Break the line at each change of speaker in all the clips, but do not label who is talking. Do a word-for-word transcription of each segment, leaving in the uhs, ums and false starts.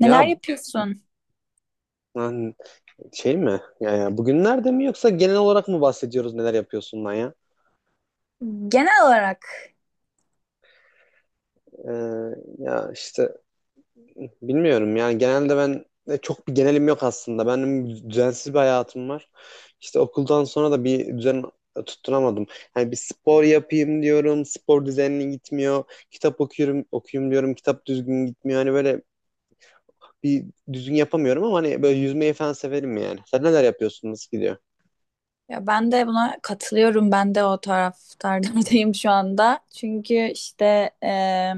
Ya
Neler yapıyorsun?
ben şey mi? Ya yani bugünlerde mi yoksa genel olarak mı bahsediyoruz neler yapıyorsun lan ya?
Genel olarak,
Ee, Ya işte bilmiyorum yani genelde ben e, çok bir genelim yok aslında. Benim düzensiz bir hayatım var. İşte okuldan sonra da bir düzen tutturamadım. Yani bir spor yapayım diyorum, spor düzenli gitmiyor. Kitap okuyorum, okuyayım diyorum, kitap düzgün gitmiyor. Hani böyle bir düzgün yapamıyorum ama hani böyle yüzmeyi falan severim yani. Sen neler yapıyorsun, nasıl gidiyor?
ya ben de buna katılıyorum. Ben de o taraftardardayım şu anda. Çünkü işte e,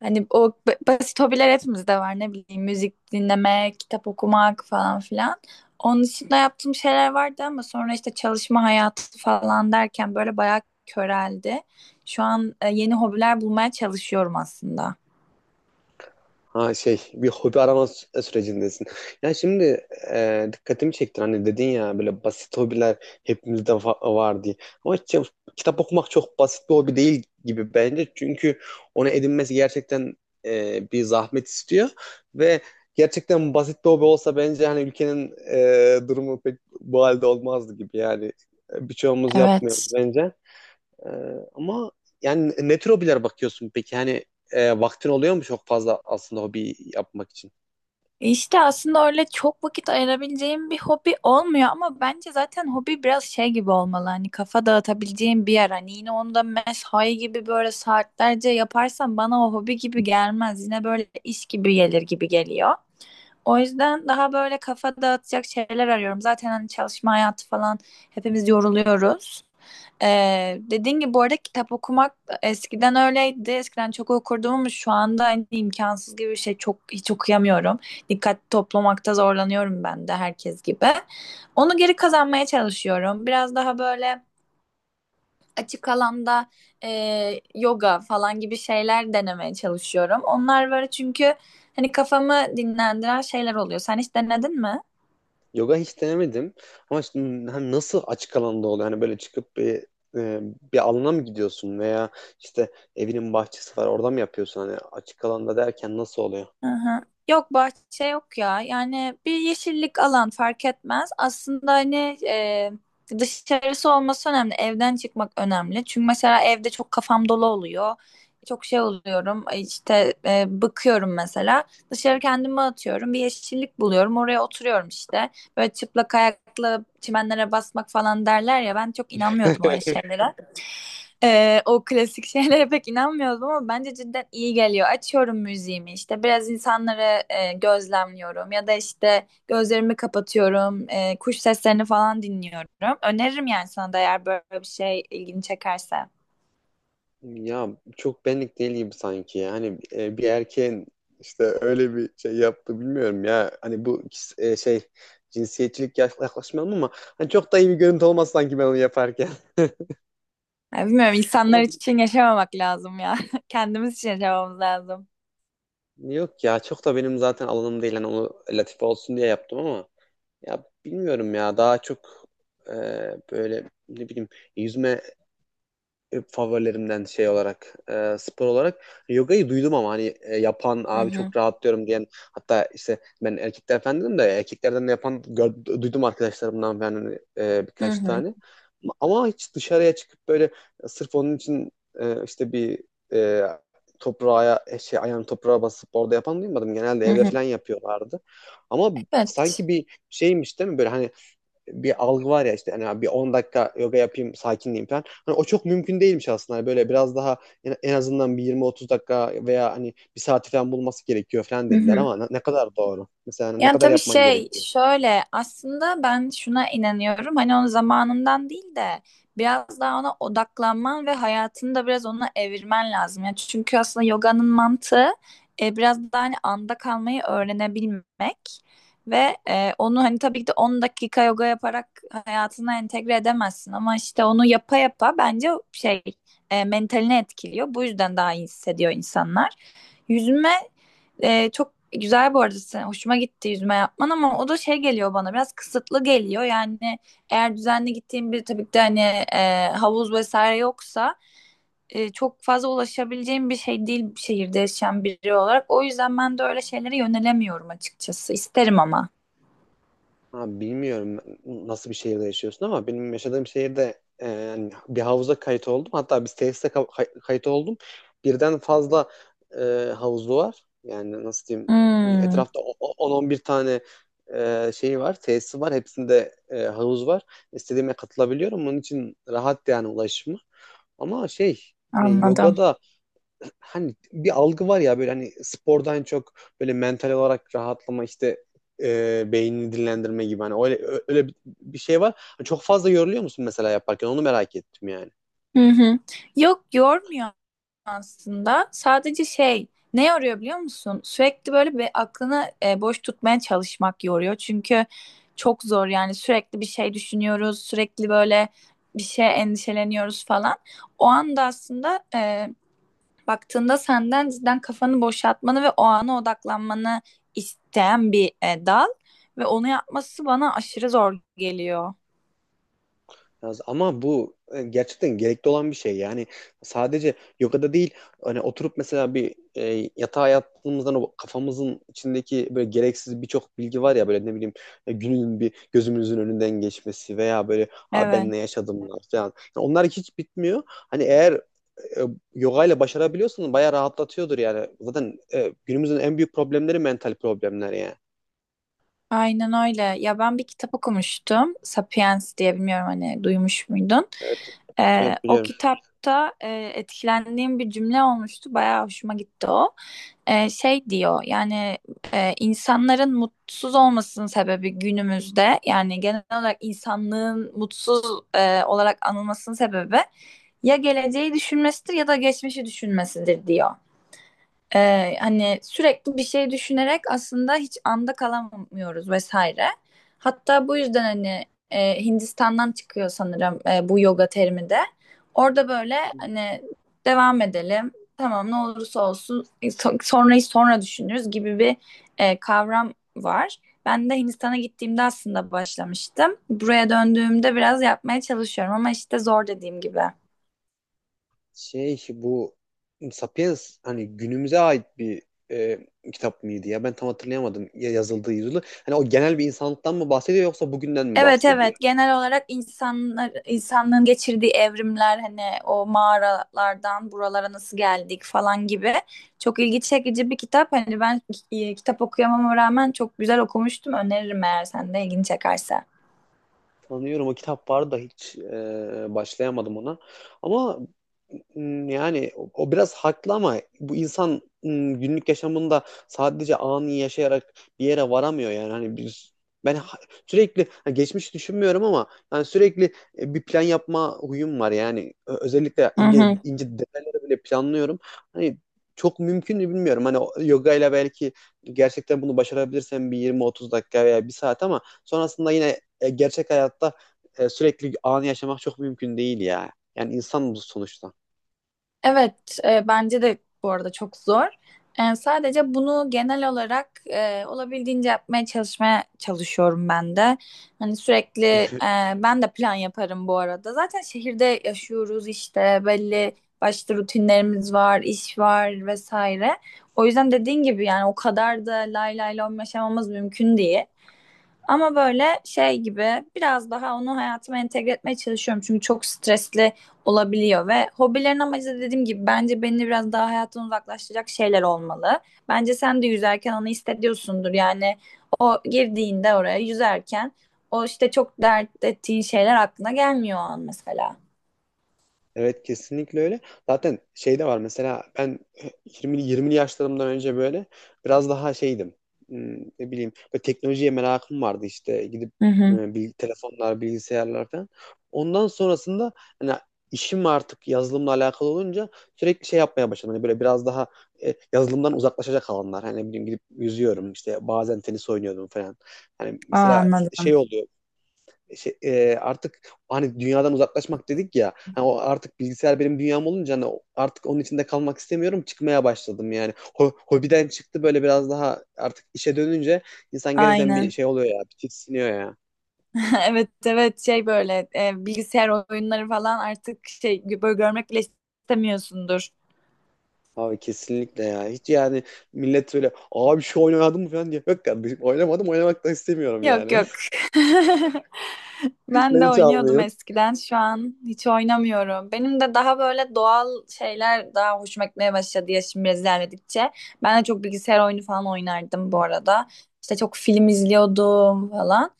hani o ba- basit hobiler hepimizde var, ne bileyim, müzik dinlemek, kitap okumak falan filan. Onun dışında yaptığım şeyler vardı ama sonra işte çalışma hayatı falan derken böyle bayağı köreldi. Şu an e, yeni hobiler bulmaya çalışıyorum aslında.
Ha şey bir hobi arama sü- e, sürecindesin. Ya şimdi e, dikkatimi çektin hani dedin ya böyle basit hobiler hepimizde va- var diye. Ama işte kitap okumak çok basit bir hobi değil gibi bence. Çünkü onu edinmesi gerçekten e, bir zahmet istiyor. Ve gerçekten basit bir hobi olsa bence hani ülkenin e, durumu pek bu halde olmazdı gibi yani. E, Birçoğumuz yapmıyoruz
Evet.
bence. Ee, Ama yani ne tür hobiler bakıyorsun peki? Hani e, vaktin oluyor mu çok fazla aslında hobi yapmak için?
İşte aslında öyle çok vakit ayırabileceğim bir hobi olmuyor ama bence zaten hobi biraz şey gibi olmalı, hani kafa dağıtabileceğim bir yer, hani yine onu da mesai gibi böyle saatlerce yaparsam bana o hobi gibi gelmez, yine böyle iş gibi gelir gibi geliyor. O yüzden daha böyle kafa dağıtacak şeyler arıyorum. Zaten hani çalışma hayatı falan, hepimiz yoruluyoruz. Ee, dediğin gibi bu arada kitap okumak eskiden öyleydi. Eskiden çok okurdum ama şu anda hani imkansız gibi bir şey. Çok, hiç okuyamıyorum. Dikkat toplamakta zorlanıyorum ben de herkes gibi. Onu geri kazanmaya çalışıyorum. Biraz daha böyle açık alanda e, yoga falan gibi şeyler denemeye çalışıyorum. Onlar var çünkü hani kafamı dinlendiren şeyler oluyor. Sen hiç denedin mi?
Yoga hiç denemedim. Ama şimdi hani nasıl açık alanda oluyor? Hani böyle çıkıp bir e, bir alana mı gidiyorsun veya işte evinin bahçesi var orada mı yapıyorsun? Hani açık alanda derken nasıl oluyor?
Hı hı. Yok, bahçe yok ya. Yani bir yeşillik alan fark etmez. Aslında hani e, dışarısı olması önemli. Evden çıkmak önemli. Çünkü mesela evde çok kafam dolu oluyor. Çok şey oluyorum. e, işte e, bıkıyorum mesela. Dışarı kendimi atıyorum. Bir yeşillik buluyorum. Oraya oturuyorum işte. Böyle çıplak ayakla çimenlere basmak falan derler ya. Ben çok inanmıyordum öyle şeylere. Ee, o klasik şeylere pek inanmıyoruz ama bence cidden iyi geliyor. Açıyorum müziğimi, işte biraz insanları e, gözlemliyorum ya da işte gözlerimi kapatıyorum, e, kuş seslerini falan dinliyorum. Öneririm yani sana da, eğer böyle bir şey ilgini çekerse.
Ya çok benlik değil gibi sanki. Yani e, bir erkeğin işte öyle bir şey yaptı bilmiyorum ya. Hani bu e, şey cinsiyetçilik yaş- yaklaşmayalım ama hani çok da iyi bir görüntü olmaz sanki ben onu yaparken.
Ya bilmiyorum, insanlar
Ama bi-
için yaşamamak lazım ya. Kendimiz için yaşamamız lazım.
yok ya çok da benim zaten alanım değil. Hani onu latife olsun diye yaptım ama ya bilmiyorum ya daha çok e, böyle ne bileyim yüzme e, favorilerimden şey olarak e, spor olarak yogayı duydum ama hani e, yapan
Hı
abi
hı.
çok rahatlıyorum diyen hatta işte ben erkekler falan dedim de erkeklerden de yapan gör- duydum arkadaşlarımdan falan hani, e,
Hı
birkaç
hı.
tane ama hiç dışarıya çıkıp böyle sırf onun için e, işte bir e, toprağa e, şey ayağını toprağa basıp orada yapan duymadım genelde
Hı
evde
hı.
falan yapıyorlardı ama
Evet.
sanki bir şeymiş değil mi böyle hani bir algı var ya işte hani bir on dakika yoga yapayım sakinleyeyim falan. Hani o çok mümkün değilmiş aslında. Hani böyle biraz daha en azından bir yirmi otuz dakika veya hani bir saati falan bulması gerekiyor falan
Hı
dediler
hı.
ama ne kadar doğru? Mesela hani ne
Yani
kadar
tabii
yapman
şey
gerekiyor?
şöyle, aslında ben şuna inanıyorum, hani onun zamanından değil de biraz daha ona odaklanman ve hayatını da biraz ona evirmen lazım. Yani çünkü aslında yoganın mantığı e, biraz daha hani anda kalmayı öğrenebilmek ve e, onu hani tabii ki de on dakika yoga yaparak hayatına entegre edemezsin ama işte onu yapa yapa bence şey, e, mentalini etkiliyor. Bu yüzden daha iyi hissediyor insanlar. Yüzme ee, çok güzel bu arada. Sen- Hoşuma gitti yüzme yapman ama o da şey geliyor bana, biraz kısıtlı geliyor. Yani eğer düzenli gittiğim bir, tabii ki de hani e, havuz vesaire yoksa e, çok fazla ulaşabileceğim bir şey değil bir şehirde yaşayan biri olarak. O yüzden ben de öyle şeylere yönelemiyorum açıkçası. İsterim ama.
Abi bilmiyorum nasıl bir şehirde yaşıyorsun ama benim yaşadığım şehirde e, yani bir havuza kayıt oldum. Hatta bir tesise ka- kay- kayıt oldum. Birden fazla e, havuzu var. Yani nasıl diyeyim
Hmm,
etrafta o- o- on on bir tane e, şeyi var, tesisi var. Hepsinde e, havuz var. İstediğime katılabiliyorum. Onun için rahat yani ulaşımı. Ama şey hani
anladım.
yoga da hani bir algı var ya böyle hani spordan çok böyle mental olarak rahatlama işte e, beynini dinlendirme gibi hani öyle öyle bir- şey var. Hani çok fazla yoruluyor musun mesela yaparken? Onu merak ettim yani.
Hı hı. Yok, yormuyor aslında. Sadece şey, ne yoruyor biliyor musun? Sürekli böyle bir aklını e, boş tutmaya çalışmak yoruyor. Çünkü çok zor yani, sürekli bir şey düşünüyoruz. Sürekli böyle bir şey endişeleniyoruz falan. O anda aslında e, baktığında senden cidden kafanı boşaltmanı ve o ana odaklanmanı isteyen bir e, dal. Ve onu yapması bana aşırı zor geliyor.
Yalnız ama bu e, gerçekten gerekli olan bir şey. Yani sadece yogada değil hani oturup mesela bir e, yatağa yattığımızdan o kafamızın içindeki böyle gereksiz birçok bilgi var ya böyle ne bileyim e, günün bir gözümüzün önünden geçmesi veya böyle "Aa, ben
Evet.
ne yaşadım lan?" falan. Yani onlar hiç bitmiyor. Hani eğer e, yoga ile başarabiliyorsan bayağı rahatlatıyordur yani. Zaten e, günümüzün en büyük problemleri mental problemler yani.
Aynen öyle. Ya ben bir kitap okumuştum. Sapiens diye, bilmiyorum hani, duymuş muydun?
Evet.
Ee,
Evet
o
biliyorum.
kitapta e, etkilendiğim bir cümle olmuştu. Bayağı hoşuma gitti o. Ee, şey diyor yani, e, insanların mutsuz olmasının sebebi günümüzde, yani genel olarak insanlığın mutsuz e, olarak anılmasının sebebi ya geleceği düşünmesidir ya da geçmişi düşünmesidir diyor. Ee, hani sürekli bir şey düşünerek aslında hiç anda kalamıyoruz vesaire. Hatta bu yüzden hani e, Hindistan'dan çıkıyor sanırım e, bu yoga terimi de. Orada böyle hani devam edelim. Tamam, ne olursa olsun e, so- sonrayı sonra düşünürüz gibi bir e, kavram var. Ben de Hindistan'a gittiğimde aslında başlamıştım. Buraya döndüğümde biraz yapmaya çalışıyorum ama işte zor, dediğim gibi.
Şey bu Sapiens hani günümüze ait bir e, kitap mıydı ya? Ben tam hatırlayamadım ya- yazıldığı yılı. Hani o genel bir insanlıktan mı bahsediyor yoksa bugünden mi
Evet,
bahsediyor?
evet, genel olarak insanlar, insanlığın geçirdiği evrimler, hani o mağaralardan buralara nasıl geldik falan gibi çok ilgi çekici bir kitap. Hani ben e, kitap okuyamama rağmen çok güzel okumuştum. Öneririm eğer sen de ilgini çekerse.
Sanıyorum o kitap vardı da hiç e, başlayamadım ona. Ama m, yani o, o biraz haklı ama bu insan m, günlük yaşamında sadece anı yaşayarak bir yere varamıyor yani. Hani biz ben ha- sürekli ha, geçmiş düşünmüyorum ama yani sürekli e, bir plan yapma huyum var yani. Ö- Özellikle
Hı
ince
hı.
ince detayları bile planlıyorum. Hani çok mümkün mü bilmiyorum. Hani o- yoga ile belki gerçekten bunu başarabilirsem bir yirmi otuz dakika veya bir saat ama sonrasında yine e, gerçek hayatta e, sürekli anı yaşamak çok mümkün değil ya. Yani insan bu sonuçta.
Evet, e, bence de bu arada çok zor. E, sadece bunu genel olarak e, olabildiğince yapmaya çalışmaya çalışıyorum ben de. Hani sürekli e, ben de plan yaparım bu arada. Zaten şehirde yaşıyoruz, işte belli başlı rutinlerimiz var, iş var vesaire. O yüzden dediğin gibi yani o kadar da lay lay lom yaşamamız mümkün değil. Ama böyle şey gibi biraz daha onu hayatıma entegre etmeye çalışıyorum. Çünkü çok stresli olabiliyor ve hobilerin amacı da dediğim gibi bence beni biraz daha hayattan uzaklaştıracak şeyler olmalı. Bence sen de yüzerken onu hissediyorsundur. Yani o girdiğinde oraya, yüzerken o işte çok dert ettiğin şeyler aklına gelmiyor o an mesela.
Evet kesinlikle öyle. Zaten şey de var mesela ben yirmi yirmili yaşlarımdan önce böyle biraz daha şeydim. Hmm, Ne bileyim böyle teknolojiye merakım vardı işte gidip
Hı hı.
e, bil- telefonlar, bilgisayarlar falan. Ondan sonrasında hani işim artık yazılımla alakalı olunca sürekli şey yapmaya başladım. Hani böyle biraz daha e, yazılımdan uzaklaşacak alanlar. Hani ne bileyim gidip yüzüyorum işte bazen tenis oynuyordum falan. Hani
Aa,
mesela şey
anladım.
oluyor şey, e, artık hani dünyadan uzaklaşmak dedik ya. Hani o artık bilgisayar benim dünyam olunca hani o- artık onun içinde kalmak istemiyorum. Çıkmaya başladım yani. Ho- hobiden çıktı böyle biraz daha artık işe dönünce insan gerçekten bir
Aynen.
şey oluyor ya. Bir tiksiniyor ya.
Evet evet, şey böyle e, bilgisayar oyunları falan artık şey böyle görmek bile istemiyorsundur.
Abi kesinlikle ya. Hiç yani millet böyle abi şu oynamadın mı falan diye. Yok kardeşim oynamadım oynamak da istemiyorum
Yok
yani.
yok. Ben
Ben
de
hiç
oynuyordum
almayayım.
eskiden. Şu an hiç oynamıyorum. Benim de daha böyle doğal şeyler daha hoşuma gitmeye başladı, yaşım biraz ilerledikçe. Ben de çok bilgisayar oyunu falan oynardım bu arada. İşte çok film izliyordum falan.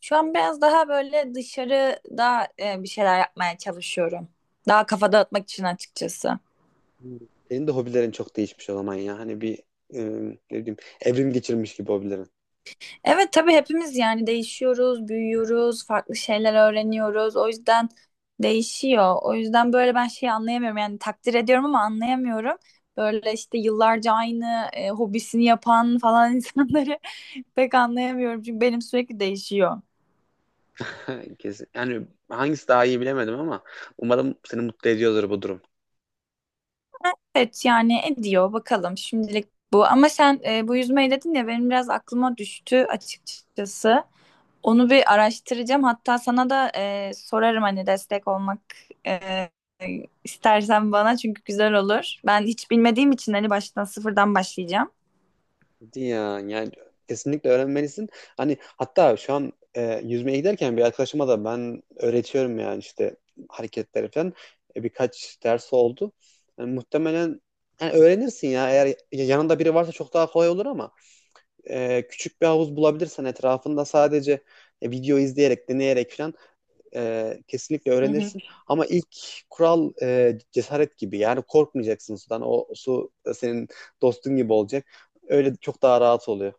Şu an biraz daha böyle dışarıda e, bir şeyler yapmaya çalışıyorum. Daha kafa dağıtmak için açıkçası.
Hmm. Senin de hobilerin çok değişmiş o zaman ya. Hani bir e, ne bileyim evrim geçirmiş gibi hobilerin.
Evet tabii, hepimiz yani değişiyoruz, büyüyoruz, farklı şeyler öğreniyoruz. O yüzden değişiyor. O yüzden böyle ben şeyi anlayamıyorum. Yani takdir ediyorum ama anlayamıyorum. Böyle işte yıllarca aynı e, hobisini yapan falan insanları pek anlayamıyorum. Çünkü benim sürekli değişiyor.
Kesin. Yani hangisi daha iyi bilemedim ama umarım seni mutlu ediyordur bu durum.
Evet yani, ediyor bakalım şimdilik bu. Ama sen e, bu yüzmeyi dedin ya, benim biraz aklıma düştü açıkçası. Onu bir araştıracağım. Hatta sana da e, sorarım hani, destek olmak e, istersen bana, çünkü güzel olur. Ben hiç bilmediğim için hani baştan sıfırdan başlayacağım.
Hadi ya yani kesinlikle öğrenmelisin. Hani hatta şu an e, yüzmeye giderken bir arkadaşıma da ben öğretiyorum yani işte hareketleri falan. E, birkaç ders oldu. Yani muhtemelen yani öğrenirsin ya eğer yanında biri varsa çok daha kolay olur ama e, küçük bir havuz bulabilirsen etrafında sadece e, video izleyerek deneyerek falan e, kesinlikle
Hı hı.
öğrenirsin. Ama ilk kural e, cesaret gibi. Yani korkmayacaksın sudan. O su senin dostun gibi olacak. Öyle çok daha rahat oluyor.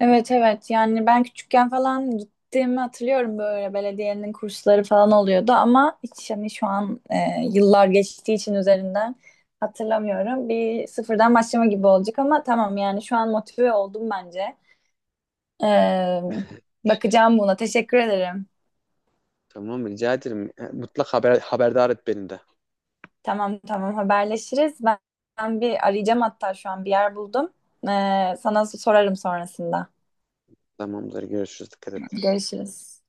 Evet evet, yani ben küçükken falan gittiğimi hatırlıyorum, böyle belediyenin kursları falan oluyordu ama hiç hani şu an e, yıllar geçtiği için üzerinden hatırlamıyorum. Bir sıfırdan başlama gibi olacak ama tamam yani, şu an motive oldum bence. Ee, Bakacağım buna, teşekkür ederim.
Tamam rica ederim. E, Mutlak haber, haberdar et beni de.
Tamam tamam, haberleşiriz. Ben, ben bir arayacağım, hatta şu an bir yer buldum. Ee, sana sorarım sonrasında.
Tamamdır görüşürüz. Dikkat et.
Görüşürüz.